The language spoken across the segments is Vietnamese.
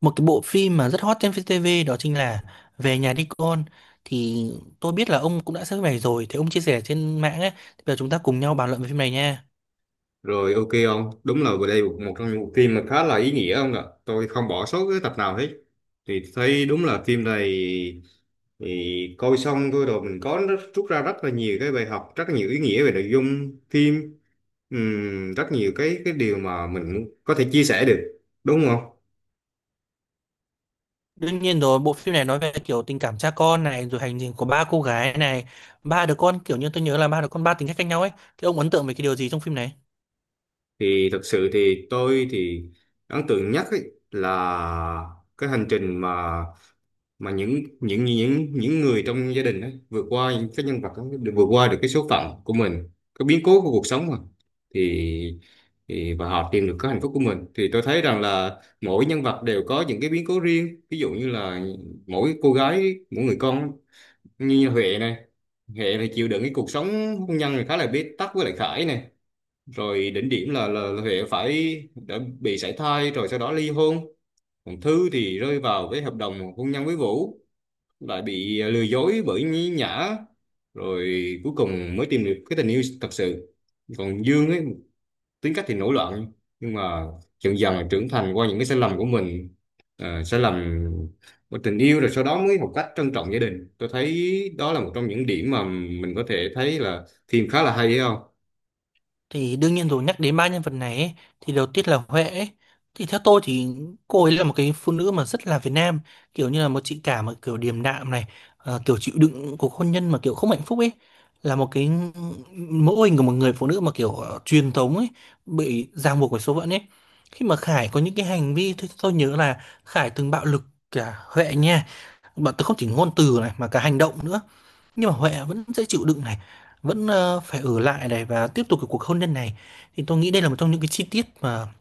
Một cái bộ phim mà rất hot trên VTV đó chính là Về nhà đi con. Thì tôi biết là ông cũng đã xem phim này rồi, thì ông chia sẻ trên mạng ấy, thì bây giờ chúng ta cùng nhau bàn luận về phim này nha. Rồi, ok ông, đúng là vừa đây một một trong những bộ phim mà khá là ý nghĩa ông ạ. Tôi không bỏ sót cái tập nào hết. Thì thấy đúng là phim này thì coi xong thôi rồi mình có rút ra rất là nhiều cái bài học, rất là nhiều ý nghĩa về nội dung phim. Rất nhiều cái điều mà mình có thể chia sẻ được, đúng không? Đương nhiên rồi, bộ phim này nói về kiểu tình cảm cha con này, rồi hành trình của ba cô gái này, ba đứa con, kiểu như tôi nhớ là ba đứa con ba tính cách khác nhau ấy. Thì ông ấn tượng về cái điều gì trong phim này? Thì thật sự thì tôi ấn tượng nhất ấy là cái hành trình mà mà những người trong gia đình ấy, vượt qua những cái nhân vật đó, được vượt qua được cái số phận của mình, cái biến cố của cuộc sống mà, thì, thì và họ tìm được cái hạnh phúc của mình. Thì tôi thấy rằng là mỗi nhân vật đều có những cái biến cố riêng, ví dụ như là mỗi cô gái, mỗi người con, như Huệ này. Huệ phải chịu đựng cái cuộc sống hôn nhân này khá là bế tắc với lại Khải này, rồi đỉnh điểm là, là Huệ phải đã bị sảy thai rồi sau đó ly hôn. Còn Thư thì rơi vào cái hợp đồng hôn nhân với Vũ, lại bị lừa dối bởi nhí nhã, rồi cuối cùng mới tìm được cái tình yêu thật sự. Còn Dương ấy, tính cách thì nổi loạn, nhưng mà dần dần là trưởng thành qua những cái sai lầm của mình, sai lầm của tình yêu, rồi sau đó mới học cách trân trọng gia đình. Tôi thấy đó là một trong những điểm mà mình có thể thấy là phim khá là hay, thấy không? Thì đương nhiên rồi, nhắc đến ba nhân vật này ấy, thì đầu tiên là Huệ ấy. Thì theo tôi thì cô ấy là một cái phụ nữ mà rất là Việt Nam, kiểu như là một chị cả mà kiểu điềm đạm này, kiểu chịu đựng cuộc hôn nhân mà kiểu không hạnh phúc ấy, là một cái mẫu hình của một người phụ nữ mà kiểu truyền thống ấy, bị ràng buộc bởi số phận ấy. Khi mà Khải có những cái hành vi, tôi nhớ là Khải từng bạo lực cả Huệ nha, bọn tôi không chỉ ngôn từ này mà cả hành động nữa, nhưng mà Huệ vẫn sẽ chịu đựng này, vẫn phải ở lại này và tiếp tục cái cuộc hôn nhân này. Thì tôi nghĩ đây là một trong những cái chi tiết mà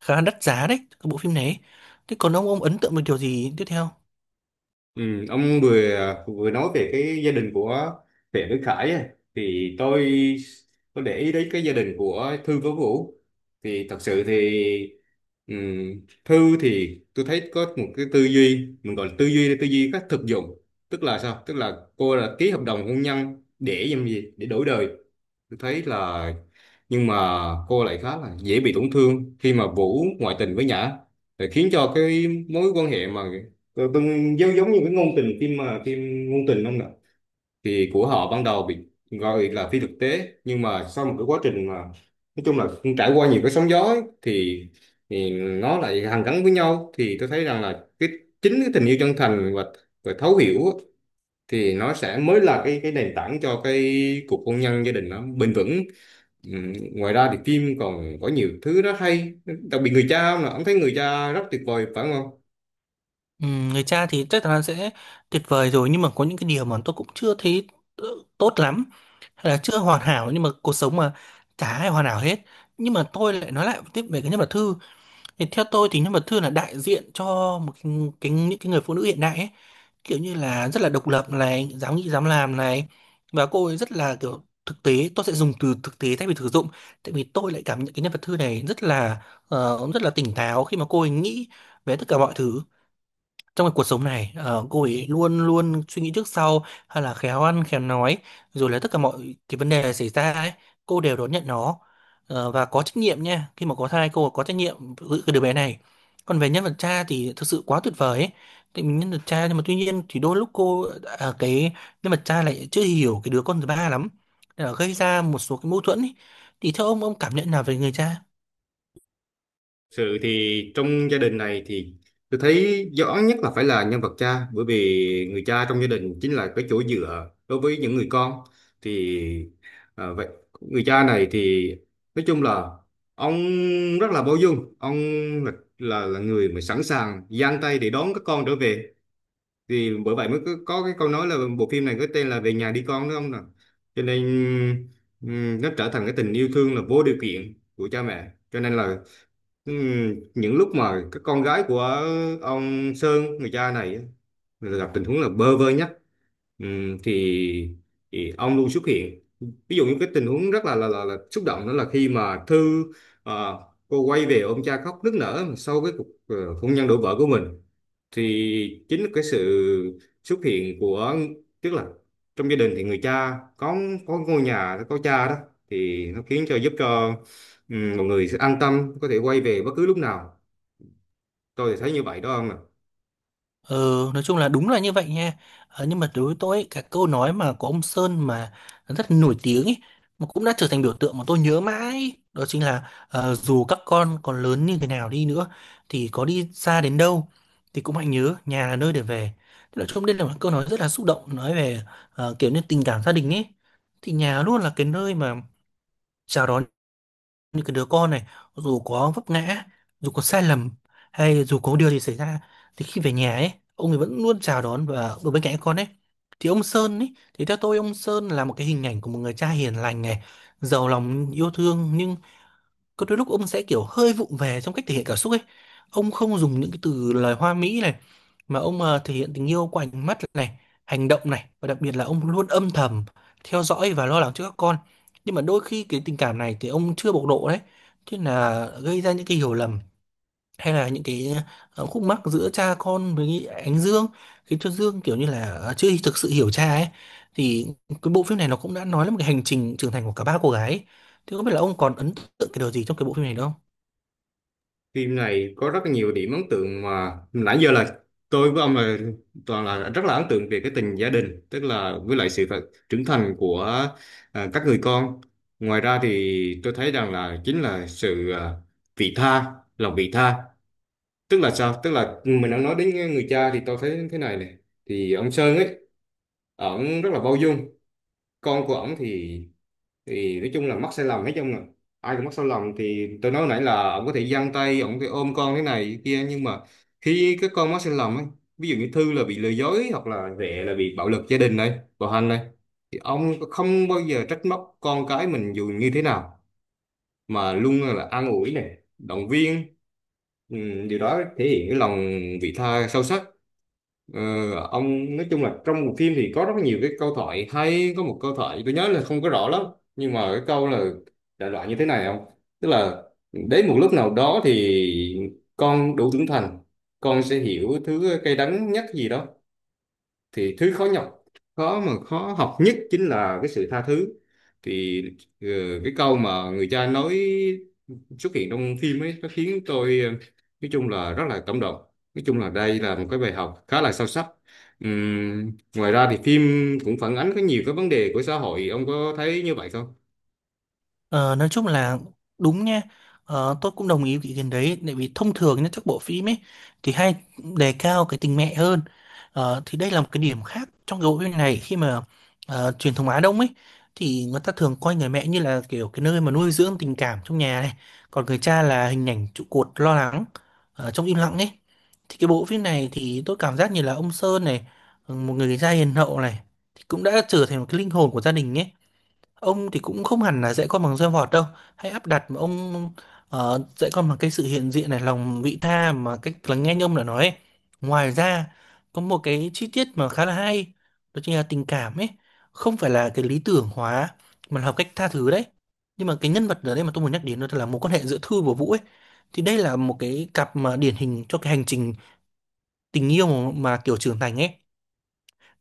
khá là đắt giá đấy, cái bộ phim này ấy. Thế còn ông ấn tượng với điều gì tiếp theo? Ừ, ông vừa vừa nói về cái gia đình của Huệ với Khải ấy. Thì tôi để ý đến cái gia đình của Thư với Vũ. Thì thật sự thì, Thư thì tôi thấy có một cái tư duy, mình gọi là tư duy cách thực dụng. Tức là sao? Tức là cô là ký hợp đồng hôn nhân để làm gì, để đổi đời. Tôi thấy là, nhưng mà cô lại khá là dễ bị tổn thương khi mà Vũ ngoại tình với Nhã, để khiến cho cái mối quan hệ mà tôi giống, giống như cái ngôn tình phim mà phim ngôn tình không ạ, thì của họ ban đầu bị gọi là phi thực tế, nhưng mà sau một cái quá trình mà nói chung là trải qua nhiều cái sóng gió ấy, thì nó lại hàn gắn với nhau. Thì tôi thấy rằng là cái chính cái tình yêu chân thành và thấu hiểu á, thì nó sẽ mới là cái nền tảng cho cái cuộc hôn nhân gia đình nó bền vững. Ừ, ngoài ra thì phim còn có nhiều thứ rất hay, đặc biệt người cha. Ông là ông thấy người cha rất tuyệt vời phải không? Người cha thì chắc chắn sẽ tuyệt vời rồi, nhưng mà có những cái điều mà tôi cũng chưa thấy ờ, tốt lắm, hay là chưa hoàn hảo, nhưng mà cuộc sống mà, chả ai hoàn hảo hết. Nhưng mà tôi lại nói lại tiếp về cái nhân vật Thư, thì theo tôi thì nhân vật Thư là đại diện cho một cái những cái người phụ nữ hiện đại ấy, kiểu như là rất là độc lập này, dám nghĩ dám làm này, và cô ấy rất là kiểu thực tế, tôi sẽ dùng từ thực tế thay vì thực dụng, tại vì tôi lại cảm nhận cái nhân vật Thư này rất là, rất là tỉnh táo khi mà cô ấy nghĩ về tất cả mọi thứ trong cái cuộc sống này. Ờ, cô ấy luôn luôn suy nghĩ trước sau, hay là khéo ăn khéo nói, rồi là tất cả mọi cái vấn đề xảy ra ấy, cô đều đón nhận nó. Ờ, và có trách nhiệm nha, khi mà có thai cô có trách nhiệm giữ cái đứa bé này. Còn về nhân vật cha thì thực sự quá tuyệt vời ấy, thì nhân vật cha, nhưng mà tuy nhiên thì đôi lúc cô, à, cái nhân vật cha lại chưa hiểu cái đứa con thứ ba lắm, nên là gây ra một số cái mâu thuẫn ấy. Thì theo ông cảm nhận nào về người cha? Sự thì trong gia đình này thì tôi thấy rõ nhất là phải là nhân vật cha, bởi vì người cha trong gia đình chính là cái chỗ dựa đối với những người con. Thì vậy người cha này thì nói chung là ông rất là bao dung. Ông là, là người mà sẵn sàng giang tay để đón các con trở về. Thì bởi vậy mới có cái câu nói là bộ phim này có tên là Về nhà đi con, đúng không nào? Cho nên nó trở thành cái tình yêu thương là vô điều kiện của cha mẹ. Cho nên là những lúc mà cái con gái của ông Sơn, người cha này á, là gặp tình huống là bơ vơ nhất, ừm, thì, thì ông luôn xuất hiện. Ví dụ như cái tình huống rất là là xúc động, đó là khi mà Thư, ờ, cô quay về ôm cha khóc nức nở sau cái cuộc hôn nhân đổ vỡ của mình. Thì chính cái sự xuất hiện của, tức là trong gia đình thì người cha có ngôi nhà có cha đó, thì nó khiến cho, giúp cho mọi người sẽ an tâm, có thể quay về bất cứ lúc nào. Tôi thì thấy như vậy đó ông ạ. Ừ, nói chung là đúng là như vậy nha. Ờ, nhưng mà đối với tôi ấy, cái câu nói mà của ông Sơn mà rất nổi tiếng ấy, mà cũng đã trở thành biểu tượng mà tôi nhớ mãi ấy, đó chính là, ờ, dù các con còn lớn như thế nào đi nữa, thì có đi xa đến đâu thì cũng hãy nhớ nhà là nơi để về. Thế nói chung đây là một câu nói rất là xúc động, nói về kiểu như tình cảm gia đình ấy. Thì nhà luôn là cái nơi mà chào đón như cái đứa con này, dù có vấp ngã, dù có sai lầm, hay dù có điều gì xảy ra, thì khi về nhà ấy ông ấy vẫn luôn chào đón và ở bên cạnh con ấy. Thì ông Sơn ấy, thì theo tôi ông Sơn là một cái hình ảnh của một người cha hiền lành này, giàu lòng yêu thương, nhưng có đôi lúc ông sẽ kiểu hơi vụng về trong cách thể hiện cảm xúc ấy. Ông không dùng những cái từ lời hoa mỹ này, mà ông thể hiện tình yêu qua ánh mắt này, hành động này, và đặc biệt là ông luôn âm thầm theo dõi và lo lắng cho các con. Nhưng mà đôi khi cái tình cảm này thì ông chưa bộc lộ đấy, thế là gây ra những cái hiểu lầm, hay là những cái khúc mắc giữa cha con với ánh Dương, khiến cho Dương kiểu như là, chưa thực sự hiểu cha ấy. Thì cái bộ phim này nó cũng đã nói lên một cái hành trình trưởng thành của cả ba cô gái ấy. Thì không biết là ông còn ấn tượng cái điều gì trong cái bộ phim này không? Phim này có rất là nhiều điểm ấn tượng mà nãy giờ là tôi với ông là toàn là rất là ấn tượng về cái tình gia đình, tức là với lại sự trưởng thành của các người con. Ngoài ra thì tôi thấy rằng là chính là sự vị tha, lòng vị tha. Tức là sao? Tức là ừ, mình đã nói đến người cha thì tôi thấy thế này này. Thì ông Sơn ấy, ổng rất là bao dung. Con của ổng thì nói chung là mắc sai lầm, nói chung là ai cũng mắc sai lầm. Thì tôi nói nãy là ổng có thể giang tay, ổng có thể ôm con thế này thế kia, nhưng mà khi cái con mắc sai lầm ấy, ví dụ như Thư là bị lừa dối, hoặc là Rẹ là bị bạo lực gia đình này, bạo hành này, thì ông không bao giờ trách móc con cái mình dù như thế nào, mà luôn là an ủi này, động viên. Ừ, điều đó thể hiện cái lòng vị tha sâu sắc. Ờ, ông nói chung là trong một phim thì có rất nhiều cái câu thoại hay, có một câu thoại tôi nhớ là không có rõ lắm, nhưng mà cái câu là đại loại như thế này không, tức là đến một lúc nào đó thì con đủ trưởng thành, con sẽ hiểu thứ cay đắng nhất gì đó, thì thứ khó nhọc, khó mà khó học nhất chính là cái sự tha thứ. Thì ờ, cái câu mà người cha nói xuất hiện trong phim ấy, nó khiến tôi nói chung là rất là cảm động. Nói chung là đây là một cái bài học khá là sâu sắc. Ừm, Ngoài ra thì phim cũng phản ánh có nhiều cái vấn đề của xã hội. Ông có thấy như vậy không? Ờ, nói chung là đúng nha. Tôi cũng đồng ý với ý kiến đấy, tại vì thông thường nhá, các bộ phim ấy thì hay đề cao cái tình mẹ hơn. Thì đây là một cái điểm khác trong cái bộ phim này, khi mà truyền thống Á Đông ấy, thì người ta thường coi người mẹ như là kiểu cái nơi mà nuôi dưỡng tình cảm trong nhà này, còn người cha là hình ảnh trụ cột, lo lắng trong im lặng ấy. Thì cái bộ phim này thì tôi cảm giác như là ông Sơn này, ừ, một người cha hiền hậu này, thì cũng đã trở thành một cái linh hồn của gia đình ấy. Ông thì cũng không hẳn là dạy con bằng roi vọt đâu, hãy áp đặt, mà ông dạy con bằng cái sự hiện diện này, lòng vị tha mà cách lắng nghe như ông đã nói ấy. Ngoài ra có một cái chi tiết mà khá là hay, đó chính là tình cảm ấy không phải là cái lý tưởng hóa, mà là học cách tha thứ đấy. Nhưng mà cái nhân vật ở đây mà tôi muốn nhắc đến đó là mối quan hệ giữa Thư và Vũ ấy. Thì đây là một cái cặp mà điển hình cho cái hành trình tình yêu mà kiểu trưởng thành ấy,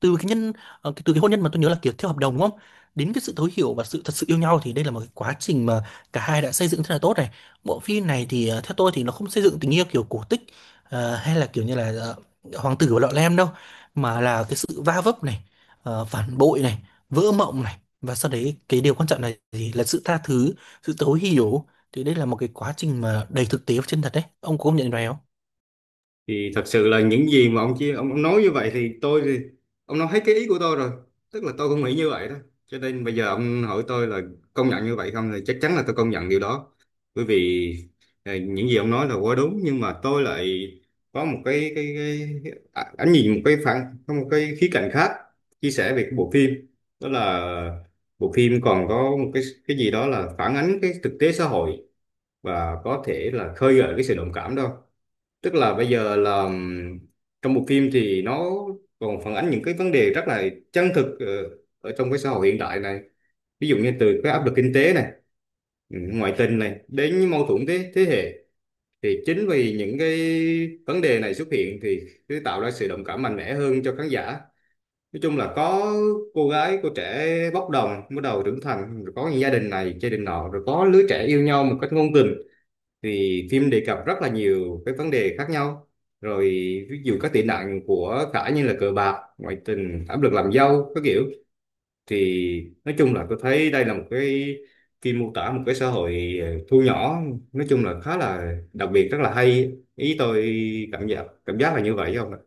từ cái nhân từ cái hôn nhân mà tôi nhớ là kiểu theo hợp đồng, đúng không, đến cái sự thấu hiểu và sự thật sự yêu nhau. Thì đây là một cái quá trình mà cả hai đã xây dựng rất là tốt này. Bộ phim này thì theo tôi thì nó không xây dựng tình yêu kiểu cổ tích, hay là kiểu như là, hoàng tử và lọ lem đâu, mà là cái sự va vấp này, phản bội này, vỡ mộng này, và sau đấy cái điều quan trọng là gì, là sự tha thứ, sự thấu hiểu. Thì đây là một cái quá trình mà đầy thực tế và chân thật đấy, ông có công nhận điều này không? Thì thật sự là những gì mà ông nói như vậy thì tôi thì ông nói hết cái ý của tôi rồi, tức là tôi cũng nghĩ như vậy đó. Cho nên bây giờ ông hỏi tôi là công nhận như vậy không, thì chắc chắn là tôi công nhận điều đó. Bởi vì những gì ông nói là quá đúng, nhưng mà tôi lại có một cái ánh nhìn, một cái phản, có một cái khía cạnh khác chia sẻ về cái bộ phim. Đó là bộ phim còn có một cái gì đó là phản ánh cái thực tế xã hội và có thể là khơi gợi cái sự đồng cảm đó. Tức là bây giờ là trong bộ phim thì nó còn phản ánh những cái vấn đề rất là chân thực ở trong cái xã hội hiện đại này. Ví dụ như từ cái áp lực kinh tế này, ừ, ngoại tình này, đến những mâu thuẫn thế thế hệ. Thì chính vì những cái vấn đề này xuất hiện thì cứ tạo ra sự đồng cảm mạnh mẽ hơn cho khán giả. Nói chung là có cô trẻ bốc đồng bắt đầu trưởng thành, rồi có những gia đình này, gia đình nọ, rồi có lứa trẻ yêu nhau một cách ngôn tình. Thì phim đề cập rất là nhiều cái vấn đề khác nhau, rồi ví dụ các tệ nạn của cả như là cờ bạc, ngoại tình, áp lực làm dâu các kiểu. Thì nói chung là tôi thấy đây là một cái phim mô tả một cái xã hội thu nhỏ, nói chung là khá là đặc biệt, rất là hay. Ý tôi cảm giác là như vậy không ạ.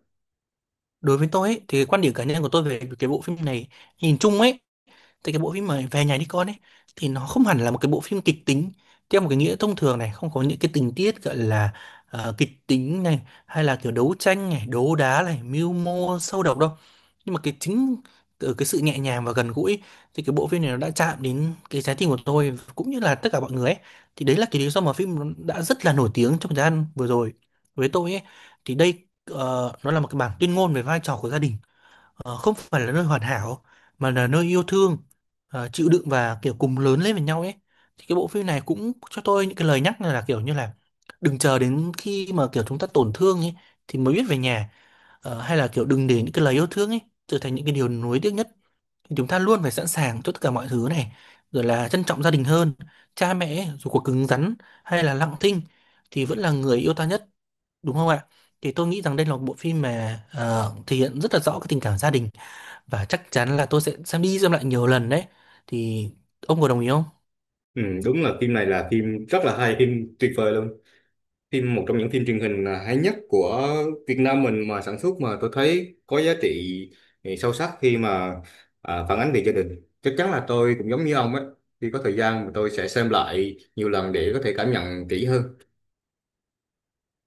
Đối với tôi ấy, thì cái quan điểm cá nhân của tôi về cái bộ phim này, nhìn chung ấy, thì cái bộ phim mà Về nhà đi con ấy, thì nó không hẳn là một cái bộ phim kịch tính theo một cái nghĩa thông thường này, không có những cái tình tiết gọi là kịch tính này, hay là kiểu đấu tranh này, đấu đá này, mưu mô sâu độc đâu. Nhưng mà cái chính từ cái sự nhẹ nhàng và gần gũi, thì cái bộ phim này nó đã chạm đến cái trái tim của tôi cũng như là tất cả mọi người ấy. Thì đấy là cái lý do mà phim nó đã rất là nổi tiếng trong thời gian vừa rồi, với tôi ấy. Thì đây, nó là một cái bản tuyên ngôn về vai trò của gia đình, không phải là nơi hoàn hảo, mà là nơi yêu thương, chịu đựng và kiểu cùng lớn lên với nhau ấy. Thì cái bộ phim này cũng cho tôi những cái lời nhắc là kiểu như là đừng chờ đến khi mà kiểu chúng ta tổn thương ấy, thì mới biết về nhà. Ờ, hay là kiểu đừng để những cái lời yêu thương ấy trở thành những cái điều nuối tiếc nhất. Thì chúng ta luôn phải sẵn sàng cho tất cả mọi thứ này, rồi là trân trọng gia đình hơn. Cha mẹ ấy, dù có cứng rắn hay là lặng thinh, thì vẫn là người yêu ta nhất, đúng không ạ? Thì tôi nghĩ rằng đây là một bộ phim mà thể hiện rất là rõ cái tình cảm gia đình, và chắc chắn là tôi sẽ xem đi xem lại nhiều lần đấy. Thì ông có đồng ý không? Ừ, đúng là phim này là phim rất là hay, phim tuyệt vời luôn. Phim một trong những phim truyền hình hay nhất của Việt Nam mình mà sản xuất mà tôi thấy có giá trị, ừ, sâu sắc khi mà phản ánh về gia đình. Chắc chắn là tôi cũng giống như ông ấy, khi có thời gian mà tôi sẽ xem lại nhiều lần để có thể cảm nhận kỹ hơn.